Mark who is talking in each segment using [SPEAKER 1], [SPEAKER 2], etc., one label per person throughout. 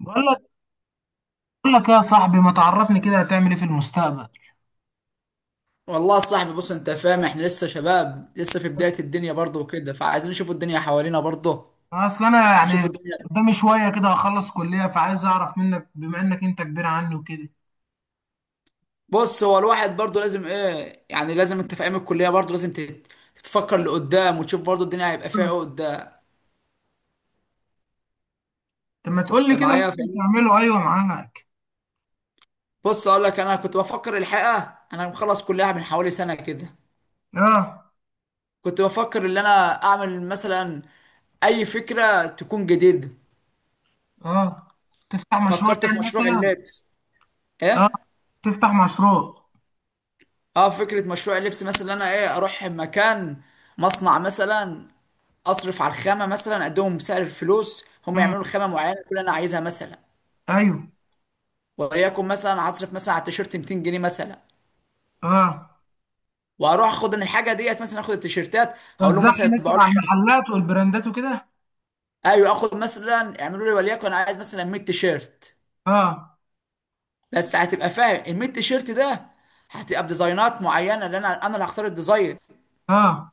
[SPEAKER 1] بقول لك بقول لك يا صاحبي ما تعرفني كده، هتعمل ايه في المستقبل؟
[SPEAKER 2] والله يا صاحبي، بص انت فاهم، احنا لسه شباب لسه في بداية الدنيا برضه وكده، فعايزين نشوف الدنيا حوالينا برضه.
[SPEAKER 1] اصل انا
[SPEAKER 2] نشوف
[SPEAKER 1] يعني
[SPEAKER 2] الدنيا.
[SPEAKER 1] قدامي شويه كده، هخلص كليه، فعايز اعرف منك بما انك انت كبير عني وكده.
[SPEAKER 2] بص هو الواحد برضه لازم ايه، يعني لازم انت في ايام الكلية برضه لازم تتفكر لقدام، وتشوف برضه الدنيا هيبقى فيها ايه قدام.
[SPEAKER 1] طب ما تقول لي
[SPEAKER 2] انت
[SPEAKER 1] كده اللي
[SPEAKER 2] معايا
[SPEAKER 1] انت
[SPEAKER 2] فاهمني.
[SPEAKER 1] بتعمله. ايوه، معاك.
[SPEAKER 2] بص اقول لك، انا كنت بفكر الحقيقة، انا مخلص كلية من حوالي سنة كده.
[SPEAKER 1] اه.
[SPEAKER 2] كنت بفكر ان انا اعمل مثلا اي فكرة تكون جديدة.
[SPEAKER 1] اه، تفتح مشروع
[SPEAKER 2] فكرت
[SPEAKER 1] يعني
[SPEAKER 2] في مشروع
[SPEAKER 1] مثلا.
[SPEAKER 2] اللبس.
[SPEAKER 1] اه،
[SPEAKER 2] ايه.
[SPEAKER 1] تفتح مشروع.
[SPEAKER 2] اه، فكرة مشروع اللبس مثلا إن انا ايه اروح مكان، مصنع مثلا، اصرف على الخامة مثلا، اديهم سعر الفلوس هم
[SPEAKER 1] امم،
[SPEAKER 2] يعملوا خامة معينة كل انا عايزها مثلا.
[SPEAKER 1] ايوه.
[SPEAKER 2] وليكن مثلا هصرف مثلا على التيشيرت 200 جنيه مثلا،
[SPEAKER 1] اه.
[SPEAKER 2] واروح اخد ان الحاجة ديت مثلا، اخد التيشيرتات هقول لهم
[SPEAKER 1] توزعها
[SPEAKER 2] مثلا
[SPEAKER 1] مثلا
[SPEAKER 2] يطبعوا لي
[SPEAKER 1] على
[SPEAKER 2] خمسة.
[SPEAKER 1] المحلات والبراندات وكده.
[SPEAKER 2] ايوه اخد مثلا يعملوا لي وليكن انا عايز مثلا 100 تيشيرت.
[SPEAKER 1] اه.
[SPEAKER 2] بس هتبقى فاهم ال 100 تيشيرت ده هتبقى بديزاينات معينة، لان انا اللي هختار الديزاين.
[SPEAKER 1] اه.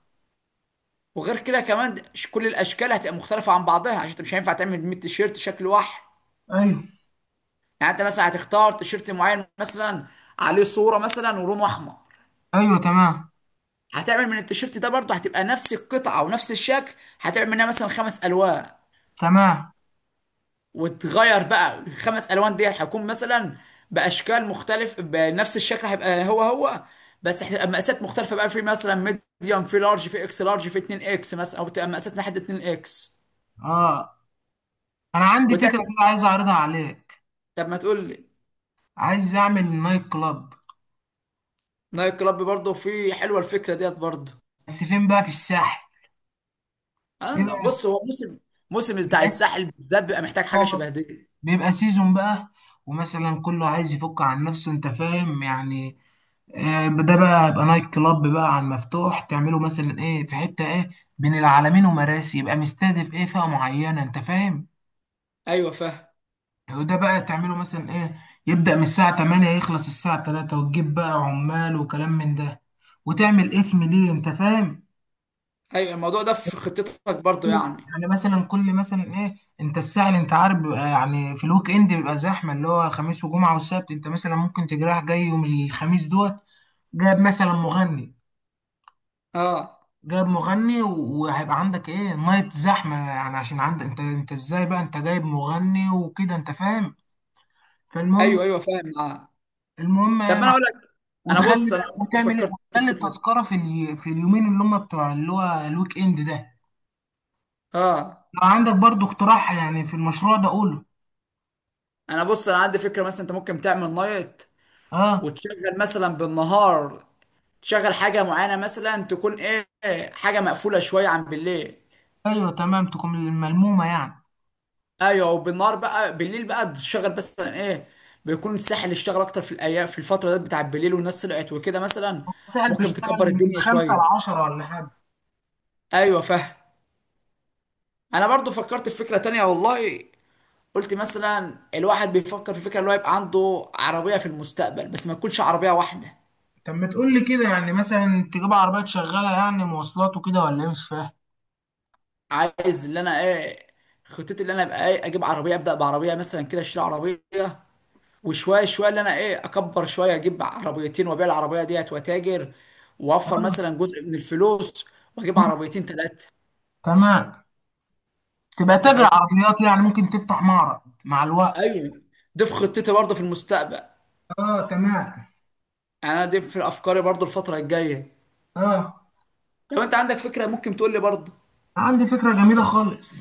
[SPEAKER 2] وغير كده كمان، كل الاشكال هتبقى مختلفه عن بعضها، عشان انت مش هينفع تعمل 100 تيشيرت شكل واحد.
[SPEAKER 1] ايوه.
[SPEAKER 2] يعني انت مثلا هتختار تيشيرت معين مثلا عليه صوره مثلا ولونه احمر،
[SPEAKER 1] ايوه، تمام.
[SPEAKER 2] هتعمل من التيشيرت ده برضه هتبقى نفس القطعه ونفس الشكل، هتعمل منها مثلا خمس الوان.
[SPEAKER 1] تمام.
[SPEAKER 2] وتغير بقى الخمس الوان دي هتكون مثلا باشكال مختلف، بنفس الشكل هيبقى هو هو، بس هتبقى مقاسات مختلفه بقى، في مثلا ميديوم، في لارج، في اكس لارج، في 2 اكس مثلا، او تبقى مقاسات لحد 2 اكس.
[SPEAKER 1] اه، انا عندي فكره
[SPEAKER 2] وتعمل.
[SPEAKER 1] كده عايز اعرضها عليك.
[SPEAKER 2] طب ما تقول لي.
[SPEAKER 1] عايز اعمل نايت كلاب،
[SPEAKER 2] نايت كلاب برضه، في حلوه الفكره ديت برضه.
[SPEAKER 1] بس فين بقى؟ في الساحل. بيبقى
[SPEAKER 2] بص هو موسم، موسم بتاع
[SPEAKER 1] بيبقى
[SPEAKER 2] الساحل بالذات بيبقى محتاج حاجه
[SPEAKER 1] سيزون.
[SPEAKER 2] شبه دي.
[SPEAKER 1] بيبقى سيزون بقى. ومثلا كله عايز يفك عن نفسه، انت فاهم يعني. آه، ده بقى يبقى نايت كلاب بقى عن مفتوح، تعمله مثلا ايه في حتة ايه بين العلمين ومراسي، يبقى مستهدف ايه فئة معينة، انت فاهم.
[SPEAKER 2] ايوه فاهم.
[SPEAKER 1] وده بقى تعمله مثلا ايه، يبدأ من الساعة 8 يخلص الساعة 3، وتجيب بقى عمال وكلام من ده، وتعمل اسم ليه، انت فاهم.
[SPEAKER 2] ايوه، الموضوع ده في خطتك برضه يعني.
[SPEAKER 1] يعني مثلا كل مثلا ايه، انت الساعة اللي انت عارف بيبقى يعني في الويك اند بيبقى زحمة، اللي هو خميس وجمعة والسبت، انت مثلا ممكن تجرح جاي يوم الخميس دوت، جاب مثلا مغني.
[SPEAKER 2] اه.
[SPEAKER 1] جاب مغني وهيبقى عندك ايه نايت زحمة، يعني عشان عندك، انت ازاي بقى انت جايب مغني وكده، انت فاهم.
[SPEAKER 2] ايوه
[SPEAKER 1] فالمهم،
[SPEAKER 2] ايوه فاهم معاه.
[SPEAKER 1] المهم
[SPEAKER 2] طب ما انا
[SPEAKER 1] إيه،
[SPEAKER 2] اقول لك، انا
[SPEAKER 1] وتغلي
[SPEAKER 2] بص انا
[SPEAKER 1] بقى
[SPEAKER 2] برضه
[SPEAKER 1] وتعمل ايه،
[SPEAKER 2] فكرت في
[SPEAKER 1] وتغلي
[SPEAKER 2] فكره دي.
[SPEAKER 1] التذكرة في اليومين اللي هم بتوع اللي هو الويك اند ده.
[SPEAKER 2] اه.
[SPEAKER 1] لو عندك برضو اقتراح يعني في المشروع ده قوله.
[SPEAKER 2] انا بص انا عندي فكره مثلا انت ممكن تعمل نايت
[SPEAKER 1] اه.
[SPEAKER 2] وتشغل مثلا بالنهار، تشغل حاجه معينه مثلا تكون ايه، حاجه مقفوله شويه عن بالليل.
[SPEAKER 1] ايوه تمام، تكون الملمومه يعني.
[SPEAKER 2] ايوه، وبالنهار بقى بالليل بقى تشتغل مثلا ايه، بيكون الساحل اشتغل اكتر في الايام، في الفتره ديت بتاع بالليل والناس طلعت وكده مثلا،
[SPEAKER 1] سهل
[SPEAKER 2] ممكن
[SPEAKER 1] بيشتغل.
[SPEAKER 2] تكبر
[SPEAKER 1] من
[SPEAKER 2] الدنيا
[SPEAKER 1] خمسة
[SPEAKER 2] شويه.
[SPEAKER 1] لعشرة ولا حاجه.
[SPEAKER 2] ايوه فاهم. انا برضو فكرت في فكره تانية والله. قلت مثلا الواحد بيفكر في فكره اللي هو يبقى عنده عربيه في المستقبل، بس ما تكونش عربيه واحده.
[SPEAKER 1] طب ما تقول لي كده، يعني مثلا تجيب عربيات شغاله يعني مواصلات وكده ولا ايه؟ مش فاهم.
[SPEAKER 2] عايز اللي انا ايه، خطتي اللي انا ابقى ايه، اجيب عربيه، ابدا بعربيه مثلا كده، اشتري عربيه، وشويه شويه اللي انا ايه اكبر شويه، اجيب عربيتين وابيع العربيه ديت واتاجر، واوفر
[SPEAKER 1] أيوة،
[SPEAKER 2] مثلا جزء من الفلوس، واجيب عربيتين ثلاثه.
[SPEAKER 1] تمام. تبقى
[SPEAKER 2] انت
[SPEAKER 1] تاجر
[SPEAKER 2] فاهمني.
[SPEAKER 1] عربيات يعني، ممكن تفتح معرض مع الوقت.
[SPEAKER 2] ايوه، دي في خطتي برضه في المستقبل،
[SPEAKER 1] اه، تمام.
[SPEAKER 2] يعني انا دي في افكاري برضه الفتره الجايه.
[SPEAKER 1] اه.
[SPEAKER 2] لو انت عندك فكره ممكن تقول لي برضه.
[SPEAKER 1] عندي فكره جميله خالص.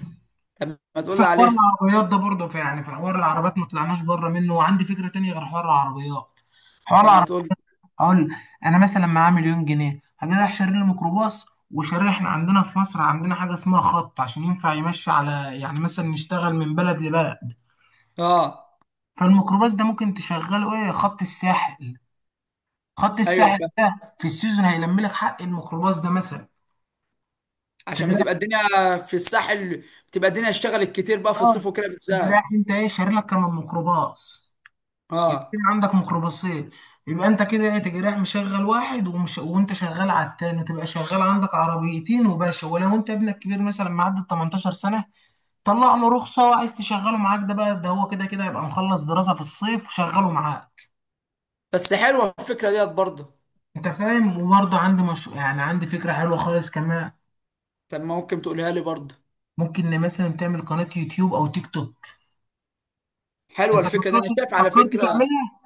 [SPEAKER 2] طب ما تقول لي
[SPEAKER 1] حوار
[SPEAKER 2] عليها.
[SPEAKER 1] العربيات ده برضه في، يعني في حوار العربيات ما طلعناش بره منه، وعندي فكره تانية غير حوار العربيات. حوار
[SPEAKER 2] طب ما
[SPEAKER 1] العربيات.
[SPEAKER 2] تقول لي.
[SPEAKER 1] اقول، انا مثلا معايا مليون جنيه، هجي رايح شاري لي ميكروباص وشاري، احنا عندنا في مصر عندنا حاجه اسمها خط عشان ينفع يمشي على، يعني مثلا نشتغل من بلد لبلد.
[SPEAKER 2] اه
[SPEAKER 1] فالميكروباص ده ممكن تشغله ايه، خط الساحل. خط
[SPEAKER 2] ايوه
[SPEAKER 1] الساحل
[SPEAKER 2] فاهم.
[SPEAKER 1] ده في السيزون هيلم لك حق الميكروباص ده مثلا.
[SPEAKER 2] عشان
[SPEAKER 1] تجي رايح.
[SPEAKER 2] بتبقى الدنيا في الساحل، بتبقى الدنيا اشتغلت كتير بقى في
[SPEAKER 1] اه،
[SPEAKER 2] الصيف وكده
[SPEAKER 1] تجي رايح
[SPEAKER 2] بالذات.
[SPEAKER 1] انت ايه شاري لك كمان ميكروباص، يبقى
[SPEAKER 2] اه.
[SPEAKER 1] كده عندك ميكروباصين. يبقى انت كده ايه تجي رايح مشغل واحد، ومش وانت شغال على التاني تبقى شغال عندك عربيتين وباشا. ولو انت ابنك كبير مثلا معدي ال 18 سنه، طلع له رخصه عايز تشغله معاك، ده بقى ده هو كده كده يبقى مخلص دراسه في الصيف وشغله معاك.
[SPEAKER 2] بس حلوه الفكره ديت برضه.
[SPEAKER 1] انت فاهم. وبرضه عندي مش... يعني عندي فكره حلوه خالص كمان.
[SPEAKER 2] طب ما ممكن تقولها لي برضه.
[SPEAKER 1] ممكن إن مثلا تعمل قناه يوتيوب او تيك توك.
[SPEAKER 2] حلوه
[SPEAKER 1] انت
[SPEAKER 2] الفكره دي،
[SPEAKER 1] فكرت،
[SPEAKER 2] انا شايف على
[SPEAKER 1] فكرت
[SPEAKER 2] فكره.
[SPEAKER 1] تعملها؟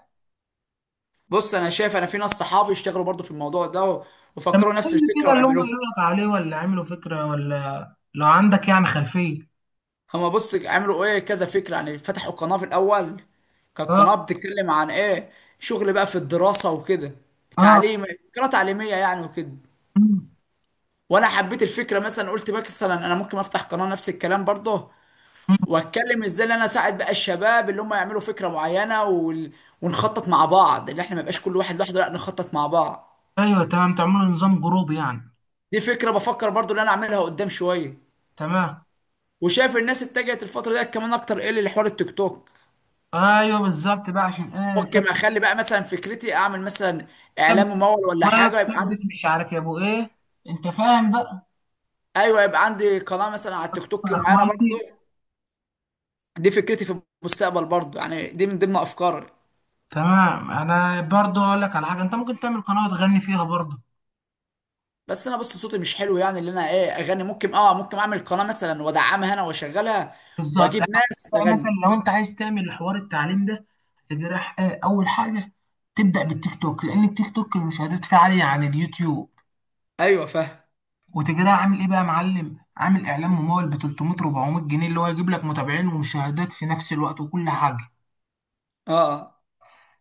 [SPEAKER 2] بص انا شايف، انا في ناس صحابي اشتغلوا برضو في الموضوع ده،
[SPEAKER 1] لما
[SPEAKER 2] وفكروا
[SPEAKER 1] تقول
[SPEAKER 2] نفس
[SPEAKER 1] لي
[SPEAKER 2] الفكره
[SPEAKER 1] كده اللي هم
[SPEAKER 2] وعملوها.
[SPEAKER 1] قالوا لك عليه، ولا عملوا فكره، ولا لو عندك يعني خلفيه.
[SPEAKER 2] هما بص عملوا ايه كذا فكره، يعني فتحوا قناه في الاول، كانت
[SPEAKER 1] اه.
[SPEAKER 2] قناه بتتكلم عن ايه، شغل بقى في الدراسه وكده،
[SPEAKER 1] اه.
[SPEAKER 2] تعليم، قناه تعليميه يعني وكده.
[SPEAKER 1] مم.
[SPEAKER 2] وانا حبيت الفكره مثلا، قلت بقى مثلا انا ممكن افتح قناه نفس الكلام برضه.
[SPEAKER 1] مم.
[SPEAKER 2] واتكلم ازاي ان انا اساعد بقى الشباب اللي هم يعملوا فكره معينه. ونخطط مع بعض، اللي احنا ما يبقاش كل واحد لوحده، لا نخطط مع بعض.
[SPEAKER 1] ايوه تمام، تعملوا نظام جروبي يعني.
[SPEAKER 2] دي فكره بفكر برضو ان انا اعملها قدام شويه.
[SPEAKER 1] تمام.
[SPEAKER 2] وشايف الناس اتجهت الفتره ديت كمان اكتر ايه لحوار التيك توك.
[SPEAKER 1] ايوه بالظبط بقى، عشان ايه
[SPEAKER 2] ممكن اخلي بقى مثلا فكرتي اعمل مثلا اعلان
[SPEAKER 1] كبس،
[SPEAKER 2] ممول ولا
[SPEAKER 1] واف
[SPEAKER 2] حاجه يبقى عندي.
[SPEAKER 1] كبس، مش عارف يا ابو ايه، انت فاهم بقى.
[SPEAKER 2] ايوه، يبقى عندي قناه مثلا على التيك توك
[SPEAKER 1] يا
[SPEAKER 2] معينه برضو.
[SPEAKER 1] اخواتي.
[SPEAKER 2] دي فكرتي في المستقبل برضو، يعني دي من ضمن افكاري.
[SPEAKER 1] تمام، انا برضو اقول لك على حاجه، انت ممكن تعمل قناه تغني فيها برضو.
[SPEAKER 2] بس انا بص صوتي مش حلو، يعني اللي انا ايه اغني، ممكن ممكن اعمل قناه مثلا وادعمها انا واشغلها،
[SPEAKER 1] بالظبط. أنا
[SPEAKER 2] واجيب ناس
[SPEAKER 1] بقى مثلا
[SPEAKER 2] تغني.
[SPEAKER 1] لو انت عايز تعمل حوار التعليم ده، تجرح ايه اول حاجه، تبدا بالتيك توك لان التيك توك المشاهدات فيه عاليه عن اليوتيوب،
[SPEAKER 2] ايوه فاهم.
[SPEAKER 1] وتجريها عامل ايه بقى يا معلم، عامل اعلان ممول ب 300 400 جنيه، اللي هو يجيب لك متابعين ومشاهدات في نفس الوقت وكل حاجه.
[SPEAKER 2] اه. آه.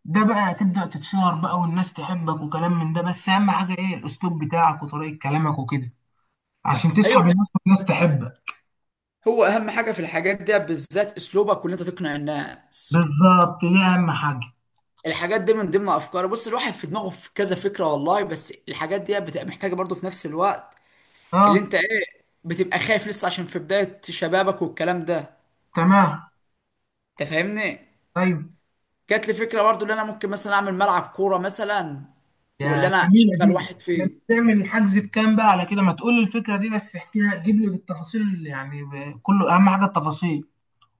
[SPEAKER 1] ده بقى هتبدا تتشهر بقى والناس تحبك وكلام من ده، بس اهم حاجه ايه، الاسلوب بتاعك وطريقه كلامك وكده، عشان تسحب
[SPEAKER 2] ايوه
[SPEAKER 1] الناس
[SPEAKER 2] بص،
[SPEAKER 1] والناس تحبك.
[SPEAKER 2] هو اهم حاجه في الحاجات دي بالذات اسلوبك وان انت تقنع الناس.
[SPEAKER 1] بالظبط، دي اهم حاجه.
[SPEAKER 2] الحاجات دي من ضمن افكاري، بص الواحد في دماغه في كذا فكره والله، بس الحاجات دي بتبقى محتاجه برضه في نفس الوقت، اللي
[SPEAKER 1] اه،
[SPEAKER 2] انت ايه بتبقى خايف لسه عشان في بدايه شبابك والكلام ده.
[SPEAKER 1] تمام.
[SPEAKER 2] انت فاهمني.
[SPEAKER 1] طيب.
[SPEAKER 2] جات لي فكره برضه ان انا ممكن مثلا اعمل ملعب كوره مثلا، واللي
[SPEAKER 1] يا
[SPEAKER 2] انا
[SPEAKER 1] جميله
[SPEAKER 2] اشغل
[SPEAKER 1] دي.
[SPEAKER 2] واحد
[SPEAKER 1] ده
[SPEAKER 2] فيه.
[SPEAKER 1] بتعمل الحجز بكام بقى على كده؟ ما تقول لي الفكره دي بس، احكيها، جيب لي بالتفاصيل يعني، كله اهم حاجه التفاصيل.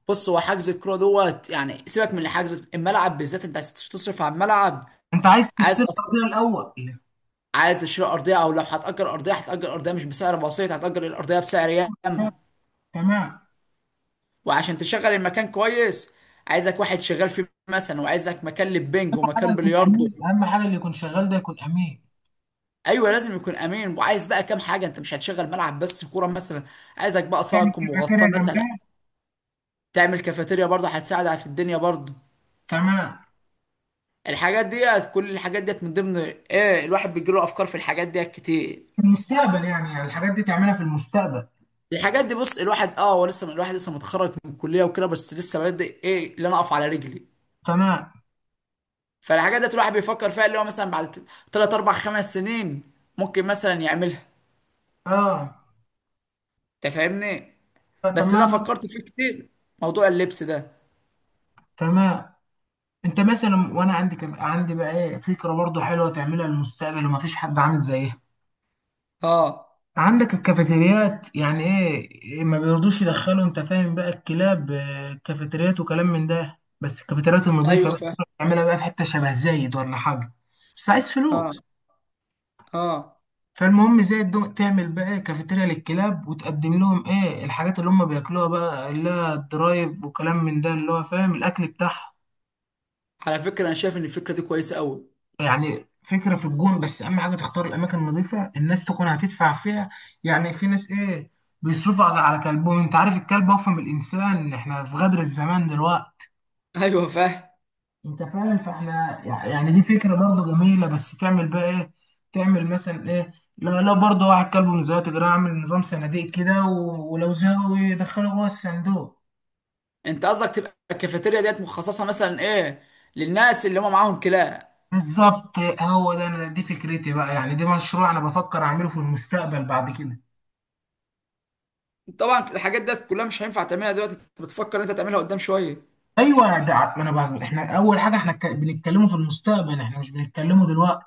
[SPEAKER 2] بص هو حجز الكوره دوت، يعني سيبك من الحجز، الملعب بالذات انت عايز تصرف على الملعب.
[SPEAKER 1] انت عايز
[SPEAKER 2] عايز
[SPEAKER 1] تشتري
[SPEAKER 2] اصلا.
[SPEAKER 1] ارضيه الاول.
[SPEAKER 2] عايز تشتري ارضيه، او لو هتأجر ارضيه، هتأجر ارضيه مش بسعر بسيط، هتأجر الارضيه بسعر
[SPEAKER 1] آه،
[SPEAKER 2] ياما.
[SPEAKER 1] تمام.
[SPEAKER 2] وعشان تشغل المكان كويس، عايزك واحد شغال فيه مثلا، وعايزك مكان للبنج
[SPEAKER 1] حاجه
[SPEAKER 2] ومكان
[SPEAKER 1] يكون
[SPEAKER 2] بلياردو.
[SPEAKER 1] امين اهم حاجه، اللي يكون شغال ده يكون امين.
[SPEAKER 2] ايوه لازم يكون امين. وعايز بقى كام حاجه، انت مش هتشغل ملعب بس كوره مثلا، عايزك بقى صاله
[SPEAKER 1] يعني
[SPEAKER 2] تكون مغطاه
[SPEAKER 1] الكافيتيريا
[SPEAKER 2] مثلا،
[SPEAKER 1] جنبها.
[SPEAKER 2] تعمل كافيتيريا برضه هتساعد على في الدنيا برضه.
[SPEAKER 1] تمام.
[SPEAKER 2] الحاجات ديت، كل الحاجات ديت من ضمن ايه، الواحد بيجيله افكار في الحاجات ديت كتير.
[SPEAKER 1] في المستقبل يعني، يعني الحاجات دي تعملها في المستقبل.
[SPEAKER 2] الحاجات دي بص، الواحد اه هو لسه، الواحد لسه متخرج من الكليه وكده، بس لسه بادئ ايه اللي انا اقف على رجلي.
[SPEAKER 1] تمام.
[SPEAKER 2] فالحاجات ديت الواحد بيفكر فيها اللي هو مثلا بعد تلات أربع خمس سنين ممكن مثلا يعملها.
[SPEAKER 1] اه.
[SPEAKER 2] أنت فاهمني.
[SPEAKER 1] آه،
[SPEAKER 2] بس اللي أنا
[SPEAKER 1] تمام.
[SPEAKER 2] فكرت فيه كتير، موضوع اللبس ده.
[SPEAKER 1] تمام. انت مثلا، وانا عندي عندي بقى ايه فكره برضه حلوه تعملها للمستقبل ومفيش حد عامل زيها.
[SPEAKER 2] أه.
[SPEAKER 1] عندك الكافيتريات يعني ايه، إيه ما بيرضوش يدخلوا، انت فاهم بقى الكلاب، آه، الكافيتريات وكلام من ده، بس الكافيتريات النظيفه
[SPEAKER 2] أيوه
[SPEAKER 1] بقى.
[SPEAKER 2] فاهم.
[SPEAKER 1] تعملها بقى في حته شبه زايد ولا حاجه. بس عايز
[SPEAKER 2] أه.
[SPEAKER 1] فلوس.
[SPEAKER 2] أه.
[SPEAKER 1] فالمهم زي تعمل بقى إيه، كافيتيريا للكلاب، وتقدم لهم ايه الحاجات اللي هم بياكلوها بقى، اللي هي الدرايف وكلام من ده، اللي هو فاهم، الاكل بتاعهم.
[SPEAKER 2] على فكرة أنا شايف إن الفكرة دي كويسة أوي.
[SPEAKER 1] يعني فكره في الجون، بس اهم حاجه تختار الاماكن النظيفه الناس تكون هتدفع فيها. يعني في ناس ايه بيصرفوا على كلبهم، انت عارف الكلب اوفى من الانسان، احنا في غدر الزمان دلوقتي.
[SPEAKER 2] أيوه فاهم.
[SPEAKER 1] انت فاهم، فاحنا يعني دي فكره برضه جميله. بس تعمل بقى ايه، تعمل مثلا ايه، لا لا برضه، واحد كلب من زيادة كده، اعمل نظام صناديق كده ولو زهقوا يدخله جوه الصندوق.
[SPEAKER 2] أنت قصدك تبقى الكافيتيريا ديت مخصصة مثلا إيه، للناس اللي هم معاهم كلاب.
[SPEAKER 1] بالظبط، هو ده، انا دي فكرتي بقى، يعني دي مشروع انا بفكر اعمله في المستقبل بعد كده.
[SPEAKER 2] طبعا الحاجات ديت كلها مش هينفع تعملها دلوقتي، أنت بتفكر أنت تعملها قدام شوية.
[SPEAKER 1] ايوه ده ما انا بقى احنا اول حاجه احنا بنتكلمه في المستقبل، احنا مش بنتكلمه دلوقتي.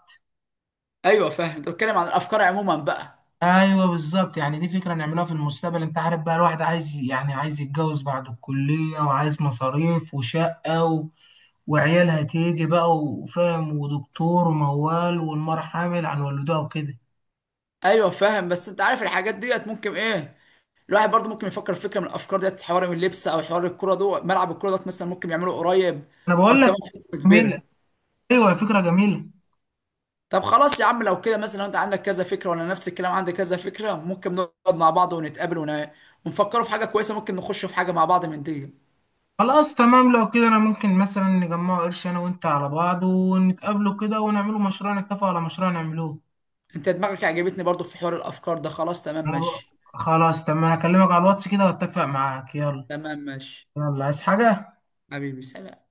[SPEAKER 2] أيوه فاهم، أنت بتتكلم عن الأفكار عموما بقى.
[SPEAKER 1] ايوه بالظبط، يعني دي فكره نعملها في المستقبل، انت عارف بقى الواحد عايز يعني عايز يتجوز بعد الكليه وعايز مصاريف وشقه، وعيالها تيجي بقى وفاهم ودكتور وموال والمرة حامل عن والدها وكده.
[SPEAKER 2] أيوه فاهم، بس أنت عارف الحاجات ديت ممكن إيه، الواحد برضه ممكن يفكر في فكره من الافكار ديت، حوار من اللبس او حوار الكوره ده، ملعب الكوره ده مثلا ممكن يعمله قريب،
[SPEAKER 1] انا
[SPEAKER 2] او
[SPEAKER 1] بقول لك،
[SPEAKER 2] كمان فتره
[SPEAKER 1] جميلة.
[SPEAKER 2] كبيره.
[SPEAKER 1] ايوه فكرة جميلة.
[SPEAKER 2] طب خلاص يا عم، لو كده مثلا لو انت عندك كذا فكره وانا نفس الكلام عندي كذا فكره، ممكن نقعد مع بعض ونتقابل ونفكروا في حاجه كويسه، ممكن نخش في حاجه مع بعض من دي.
[SPEAKER 1] خلاص تمام لو كده، انا ممكن مثلا نجمع قرش انا وانت على بعض، ونتقابلوا كده، ونعملوا مشروع، نتفق على مشروع نعملوه.
[SPEAKER 2] انت دماغك عجبتني برضه في حوار الافكار ده. خلاص تمام
[SPEAKER 1] انا بقى،
[SPEAKER 2] ماشي.
[SPEAKER 1] خلاص تمام هكلمك على الواتس كده واتفق معاك. يلا.
[SPEAKER 2] تمام ماشي.
[SPEAKER 1] يلا، عايز حاجة؟
[SPEAKER 2] حبيبي سلام.